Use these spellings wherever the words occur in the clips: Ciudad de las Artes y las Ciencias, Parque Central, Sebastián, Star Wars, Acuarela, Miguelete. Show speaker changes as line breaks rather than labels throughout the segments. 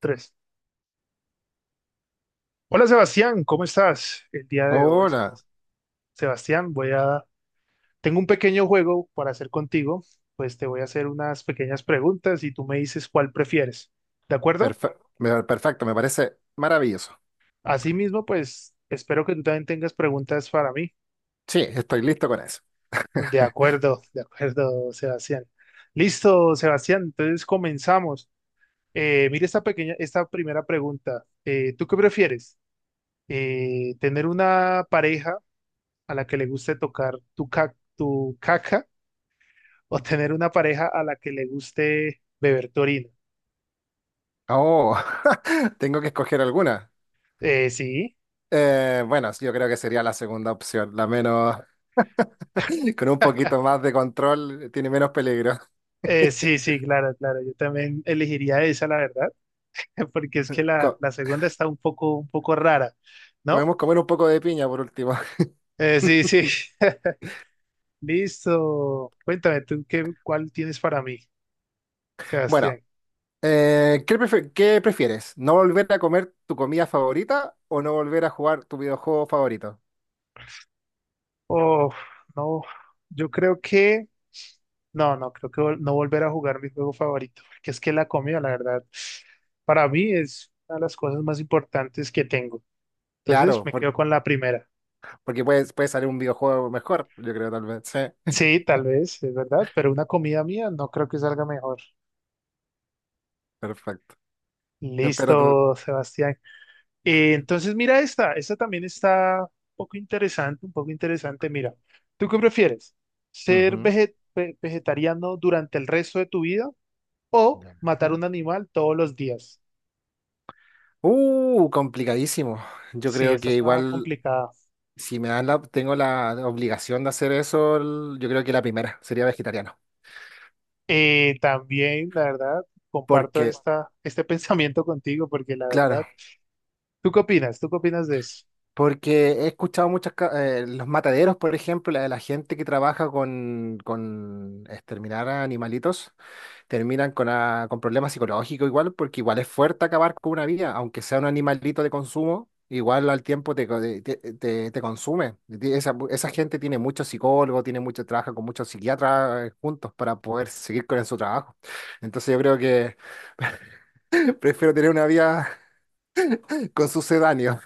Tres. Hola Sebastián, ¿cómo estás el día de hoy,
Hola,
Sebastián? Tengo un pequeño juego para hacer contigo, pues te voy a hacer unas pequeñas preguntas y tú me dices cuál prefieres, ¿de acuerdo?
perfecto, me parece maravilloso.
Asimismo, pues espero que tú también tengas preguntas para mí.
Sí, estoy listo con eso.
De acuerdo, Sebastián. Listo, Sebastián, entonces comenzamos. Mira esta pequeña, esta primera pregunta. ¿Tú qué prefieres? ¿Tener una pareja a la que le guste tocar tu caca, o tener una pareja a la que le guste beber tu orina?
Oh, tengo que escoger alguna.
Sí,
Bueno, yo creo que sería la segunda opción, la menos, con un poquito más de control, tiene menos peligro.
sí, sí, claro, claro. Yo también elegiría esa, la verdad, porque es que
Co-
la segunda está un poco rara, ¿no?
Podemos comer un poco de piña por último.
Sí, sí. Listo. Cuéntame, ¿tú qué, cuál tienes para mí,
Bueno,
Sebastián?
¿qué prefieres? ¿No volver a comer tu comida favorita o no volver a jugar tu videojuego favorito?
Oh, no, yo creo que... No, no, creo que no volver a jugar mi juego favorito, porque es que la comida, la verdad, para mí es una de las cosas más importantes que tengo. Entonces
Claro,
me quedo con la primera.
porque puede salir un videojuego mejor, yo creo tal vez. Sí,
Sí, tal vez, es verdad, pero una comida mía no creo que salga mejor.
perfecto. Espero tu,
Listo, Sebastián. Entonces mira esta, esta también está un poco interesante, un poco interesante. Mira, ¿tú qué prefieres? ¿Ser
ujú.
vegetariano durante el resto de tu vida, o
Ya.
matar
Ujú.
un animal todos los días?
Complicadísimo. Yo
Sí,
creo
esta
que
está
igual,
complicada.
si me dan la, tengo la obligación de hacer eso, yo creo que la primera sería vegetariano.
También, la verdad, comparto
Porque,
esta, este pensamiento contigo porque la verdad,
claro,
¿tú qué opinas? ¿Tú qué opinas de eso?
porque he escuchado los mataderos, por ejemplo, la de la gente que trabaja con exterminar a animalitos. Terminan con problemas psicológicos igual, porque igual es fuerte acabar con una vida, aunque sea un animalito de consumo, igual al tiempo te, co- te- te consume. Esa gente tiene muchos psicólogos, tiene mucho trabajo con muchos psiquiatras juntos para poder seguir con su trabajo. Entonces yo creo que prefiero tener una vida con sucedáneo.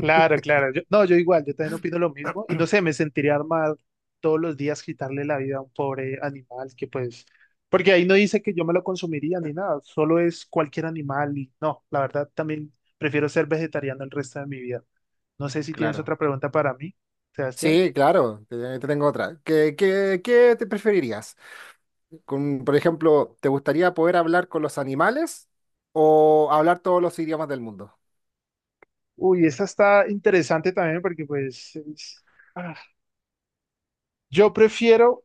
Claro, claro. Yo, no, yo igual, yo también opino lo mismo y no sé, me sentiría mal todos los días quitarle la vida a un pobre animal que pues, porque ahí no dice que yo me lo consumiría ni nada, solo es cualquier animal y no, la verdad también prefiero ser vegetariano el resto de mi vida. No sé si tienes
Claro.
otra pregunta para mí, Sebastián.
Sí, claro, te tengo otra. ¿Qué te preferirías? Con, por ejemplo, ¿te gustaría poder hablar con los animales o hablar todos los idiomas del mundo?
Uy, esta está interesante también porque pues... ah, yo prefiero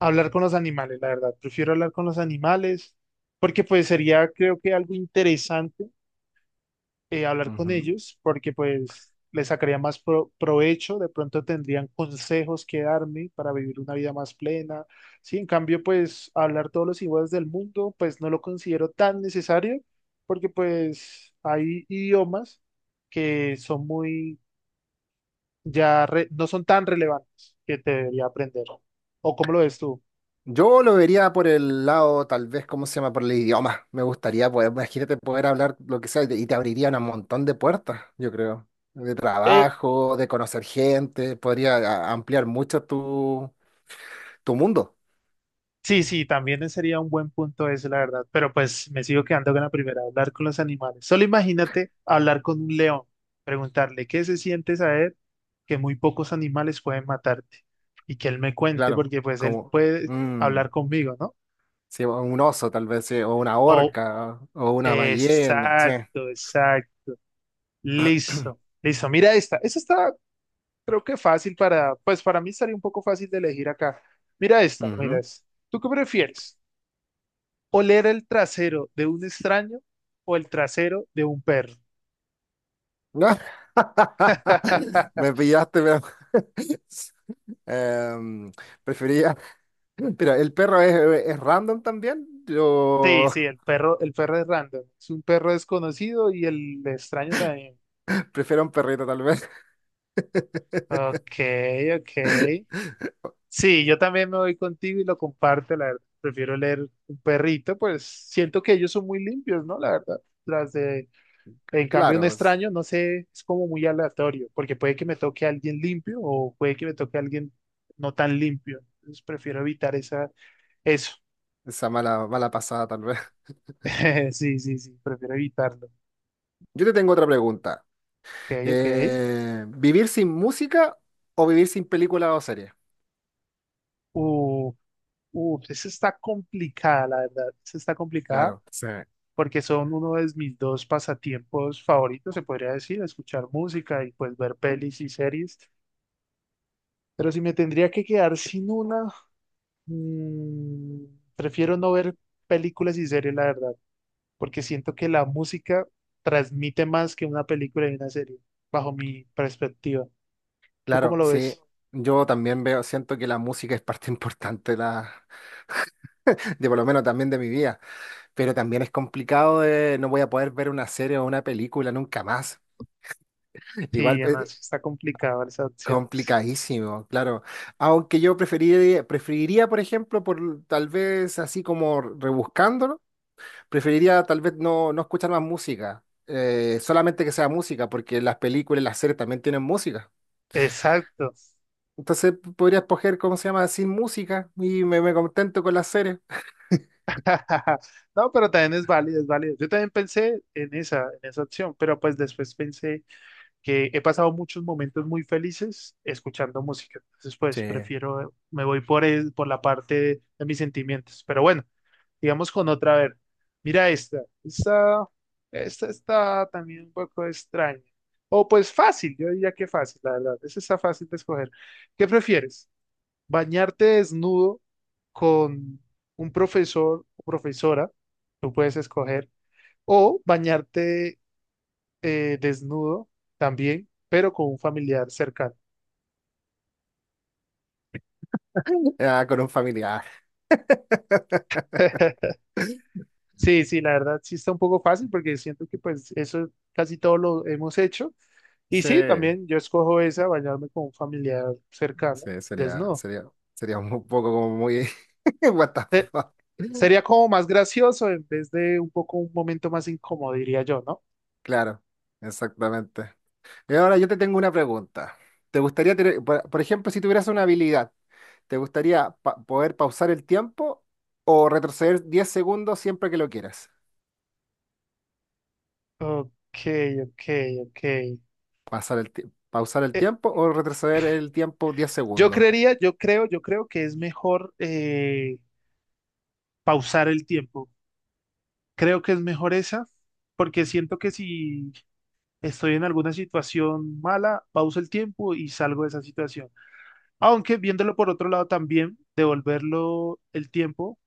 hablar con los animales, la verdad. Prefiero hablar con los animales porque pues sería creo que algo interesante, hablar con
Ujú.
ellos porque pues les sacaría más provecho, de pronto tendrían consejos que darme para vivir una vida más plena. Sí, en cambio pues hablar todos los idiomas del mundo pues no lo considero tan necesario porque pues hay idiomas que son muy no son tan relevantes que te debería aprender. ¿O cómo lo ves tú?
Yo lo vería por el lado, tal vez, ¿cómo se llama? Por el idioma. Me gustaría poder, imagínate poder hablar lo que sea y te abrirían un montón de puertas, yo creo. De
Eh,
trabajo, de conocer gente, podría ampliar mucho tu, tu mundo,
Sí, sí, también sería un buen punto eso, la verdad. Pero pues me sigo quedando con la primera, hablar con los animales. Solo imagínate hablar con un león, preguntarle qué se siente saber que muy pocos animales pueden matarte y que él me cuente,
claro.
porque pues él
Como
puede
mm,
hablar conmigo, ¿no?
sí, o un oso, tal vez, sí, o una
O,
orca, o una ballena, sí.
exacto, exacto, listo, listo. Mira esta, esta está, creo que fácil para, pues para mí estaría un poco fácil de elegir acá. Mira esta, mira
Ujú.
esta. ¿Tú qué prefieres? ¿Oler el trasero de un extraño, o el trasero de un perro?
Me pillaste, pero... Em, prefería. Mira, el perro es random también.
Sí,
Yo
sí, el perro es random. Es un perro desconocido y el extraño también.
prefiero un perrito tal vez.
Ok, ok. Sí, yo también me voy contigo y lo comparto, la verdad. Prefiero leer un perrito, pues siento que ellos son muy limpios, ¿no? La verdad. Las de, en cambio, un
Claro,
extraño, no sé, es como muy aleatorio, porque puede que me toque a alguien limpio o puede que me toque a alguien no tan limpio. Entonces prefiero evitar esa, eso.
esa mala, mala pasada tal vez.
Sí, sí, sí, prefiero evitarlo.
Yo te tengo otra pregunta.
Ok, ok.
¿Vivir sin música o vivir sin película o serie?
Uh, esa está complicada, la verdad. Esa está complicada
Claro, sí.
porque son uno de mis dos pasatiempos favoritos, se podría decir, escuchar música y pues ver pelis y series. Pero si me tendría que quedar sin una, mm, prefiero no ver películas y series, la verdad, porque siento que la música transmite más que una película y una serie, bajo mi perspectiva. ¿Tú cómo
Claro,
lo
sí.
ves?
Yo también veo, siento que la música es parte importante de, la, de por lo menos también de mi vida, pero también es complicado de no voy a poder ver una serie o una película nunca más.
Sí,
Igual,
no, eso está complicado esas opciones.
complicadísimo, claro. Aunque yo preferiría, por ejemplo, por tal vez así como rebuscándolo, preferiría tal vez no escuchar más música, solamente que sea música, porque las películas y las series también tienen música.
Exacto.
Entonces podría escoger, ¿cómo se llama? Sin música y me contento con las series.
No, pero también es válido, es válido. Yo también pensé en esa opción, pero pues después pensé que he pasado muchos momentos muy felices escuchando música. Entonces, pues
Sí.
prefiero, me voy por la parte de mis sentimientos. Pero bueno, digamos con otra, a ver. Mira esta. Esta, esta está también un poco extraña. O pues fácil, yo diría que fácil, la verdad. Esa está fácil de escoger. ¿Qué prefieres? ¿Bañarte desnudo con un profesor o profesora, tú puedes escoger, o bañarte desnudo también, pero con un familiar cercano?
Ah, con un familiar.
Sí, sí, la verdad sí está un poco fácil porque siento que pues eso casi todo lo hemos hecho. Y sí,
Sí,
también yo escojo esa, bañarme con un familiar cercano,
sí,
desnudo.
sería un poco como muy... What the
Se-
fuck.
Sería como más gracioso en vez de un poco un momento más incómodo, diría yo, ¿no?
Claro, exactamente. Y ahora yo te tengo una pregunta. ¿Te gustaría tener, por ejemplo, si tuvieras una habilidad, te gustaría poder pausar el tiempo o retroceder 10 segundos siempre que lo quieras?
Ok, ok, ok.
Pasar el ti- Pausar el
Eh,
tiempo o retroceder el tiempo 10
yo
segundos.
creería, yo creo que es mejor pausar el tiempo. Creo que es mejor esa, porque siento que si estoy en alguna situación mala, pauso el tiempo y salgo de esa situación. Aunque viéndolo por otro lado también, devolverlo el tiempo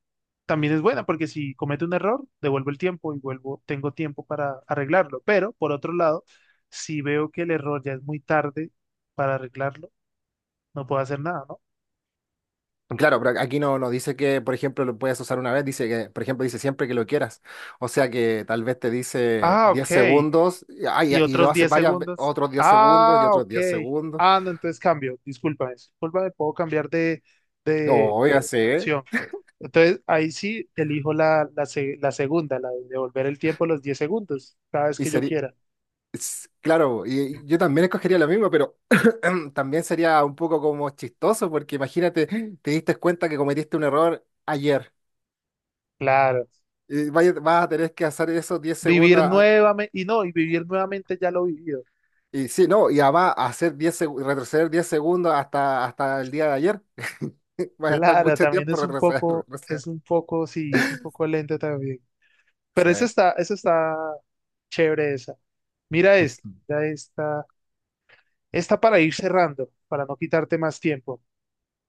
también es buena, porque si cometo un error, devuelvo el tiempo y vuelvo, tengo tiempo para arreglarlo. Pero por otro lado, si veo que el error ya es muy tarde para arreglarlo, no puedo hacer nada, ¿no?
Claro, pero aquí no, nos dice que, por ejemplo, lo puedes usar una vez, dice que, por ejemplo, dice siempre que lo quieras. O sea que tal vez te dice
Ah, ok.
10 segundos y, ay,
Y
y lo
otros
haces
10
varias
segundos.
otros 10 segundos y
Ah,
otros
ok.
10 segundos.
Ah, no, entonces cambio. Discúlpame, discúlpame, puedo cambiar de,
O ya
de
sé,
opción. Entonces, ahí sí elijo la, la segunda, la de devolver el tiempo los 10 segundos, cada vez
y
que yo
sería.
quiera.
Claro, y yo también escogería lo mismo, pero también sería un poco como chistoso, porque imagínate, te diste cuenta que cometiste un error ayer.
Claro.
Y vas a tener que hacer eso diez
Vivir
segundos. A-
nuevamente, y no, y vivir nuevamente ya lo vivido.
Y sí, no, y además hacer retroceder 10 segundos hasta, hasta el día de ayer. Vas a estar
Claro,
mucho
también
tiempo retroceder.
es un poco, sí, es un poco lento también. Pero
Sí.
eso está chévere esa. Mira esta, mira esta. Esta para ir cerrando, para no quitarte más tiempo,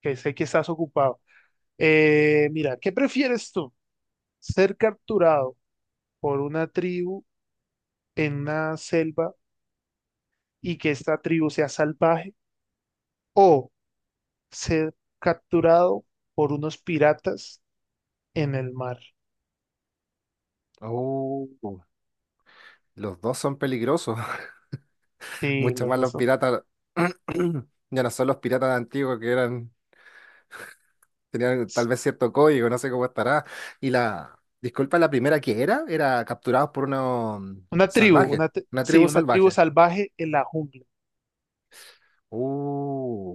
que sé que estás ocupado. Mira, ¿qué prefieres tú? ¿Ser capturado por una tribu en una selva y que esta tribu sea salvaje? ¿O ser capturado por unos piratas en el mar?
Oh, los dos son peligrosos.
Sí,
Mucho
los
más
dos
los
son-
piratas. Ya no son los piratas antiguos que eran. Tenía tal vez cierto código, no sé cómo estará. Y la, disculpa, la primera que era, era capturados por unos
Una tribu,
salvajes, una
sí,
tribu
una tribu
salvaje.
salvaje en la jungla.
Uh,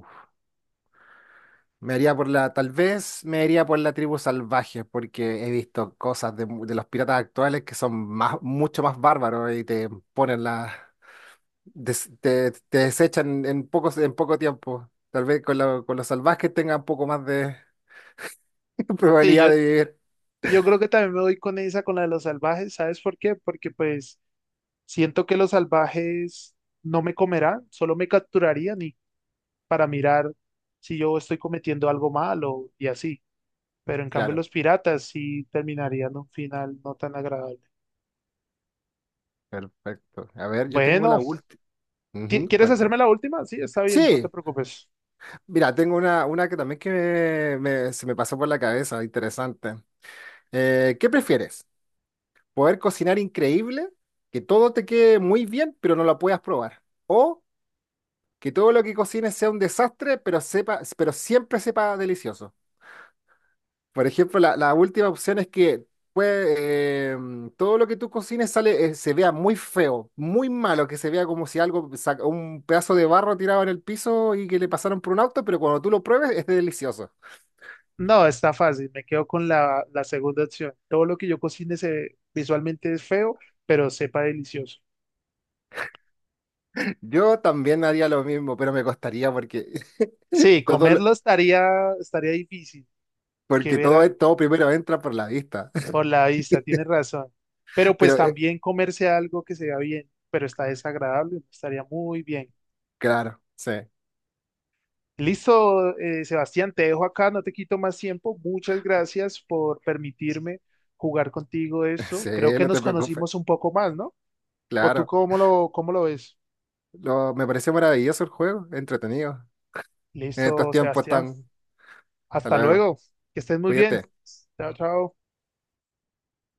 me haría por tal vez me haría por la tribu salvaje, porque he visto cosas de los piratas actuales que son más, mucho más bárbaros y te ponen la, te desechan en en poco tiempo. Tal vez con los salvajes tengan un poco más de
Sí, yo,
probabilidad de vivir.
yo creo que también me voy con esa, con la de los salvajes, ¿sabes por qué? Porque pues... Siento que los salvajes no me comerán, solo me capturarían y para mirar si yo estoy cometiendo algo malo y así. Pero en cambio
Claro.
los piratas sí terminarían un final no tan agradable.
Perfecto. A ver, yo tengo
Bueno,
la última. Ujú,
quieres
cuenta.
hacerme la última? Sí, está bien, no te
Sí,
preocupes.
mira, tengo una que también que se me pasó por la cabeza, interesante. ¿Qué prefieres? ¿Poder cocinar increíble, que todo te quede muy bien, pero no lo puedas probar? ¿O que todo lo que cocines sea un desastre, pero sepa, pero siempre sepa delicioso? Por ejemplo, la última opción es que pues, todo lo que tú cocines sale, se vea muy feo, muy malo, que se vea como si algo, un pedazo de barro tirado en el piso y que le pasaron por un auto, pero cuando tú lo pruebes es delicioso.
No, está fácil, me quedo con la segunda opción. Todo lo que yo cocine se, visualmente es feo, pero sepa delicioso.
Yo también haría lo mismo, pero me costaría porque
Sí,
todo, lo-
comerlo estaría, estaría difícil. Que
porque todo,
ver,
todo primero entra por la vista.
por la vista, tienes razón. Pero pues
Pero
también comerse algo que se vea bien, pero está desagradable, no estaría muy bien.
claro, sí,
Listo, Sebastián, te dejo acá, no te quito más tiempo. Muchas gracias por permitirme jugar contigo eso.
sí,
Creo que
no
nos
te preocupes,
conocimos un poco más, ¿no? ¿O tú
claro.
cómo lo ves?
Lo, me pareció maravilloso el juego, entretenido. En estos
Listo,
tiempos
Sebastián.
tan... Hasta
Hasta
luego,
luego. Que estés muy bien.
cuídate.
Chao, chao.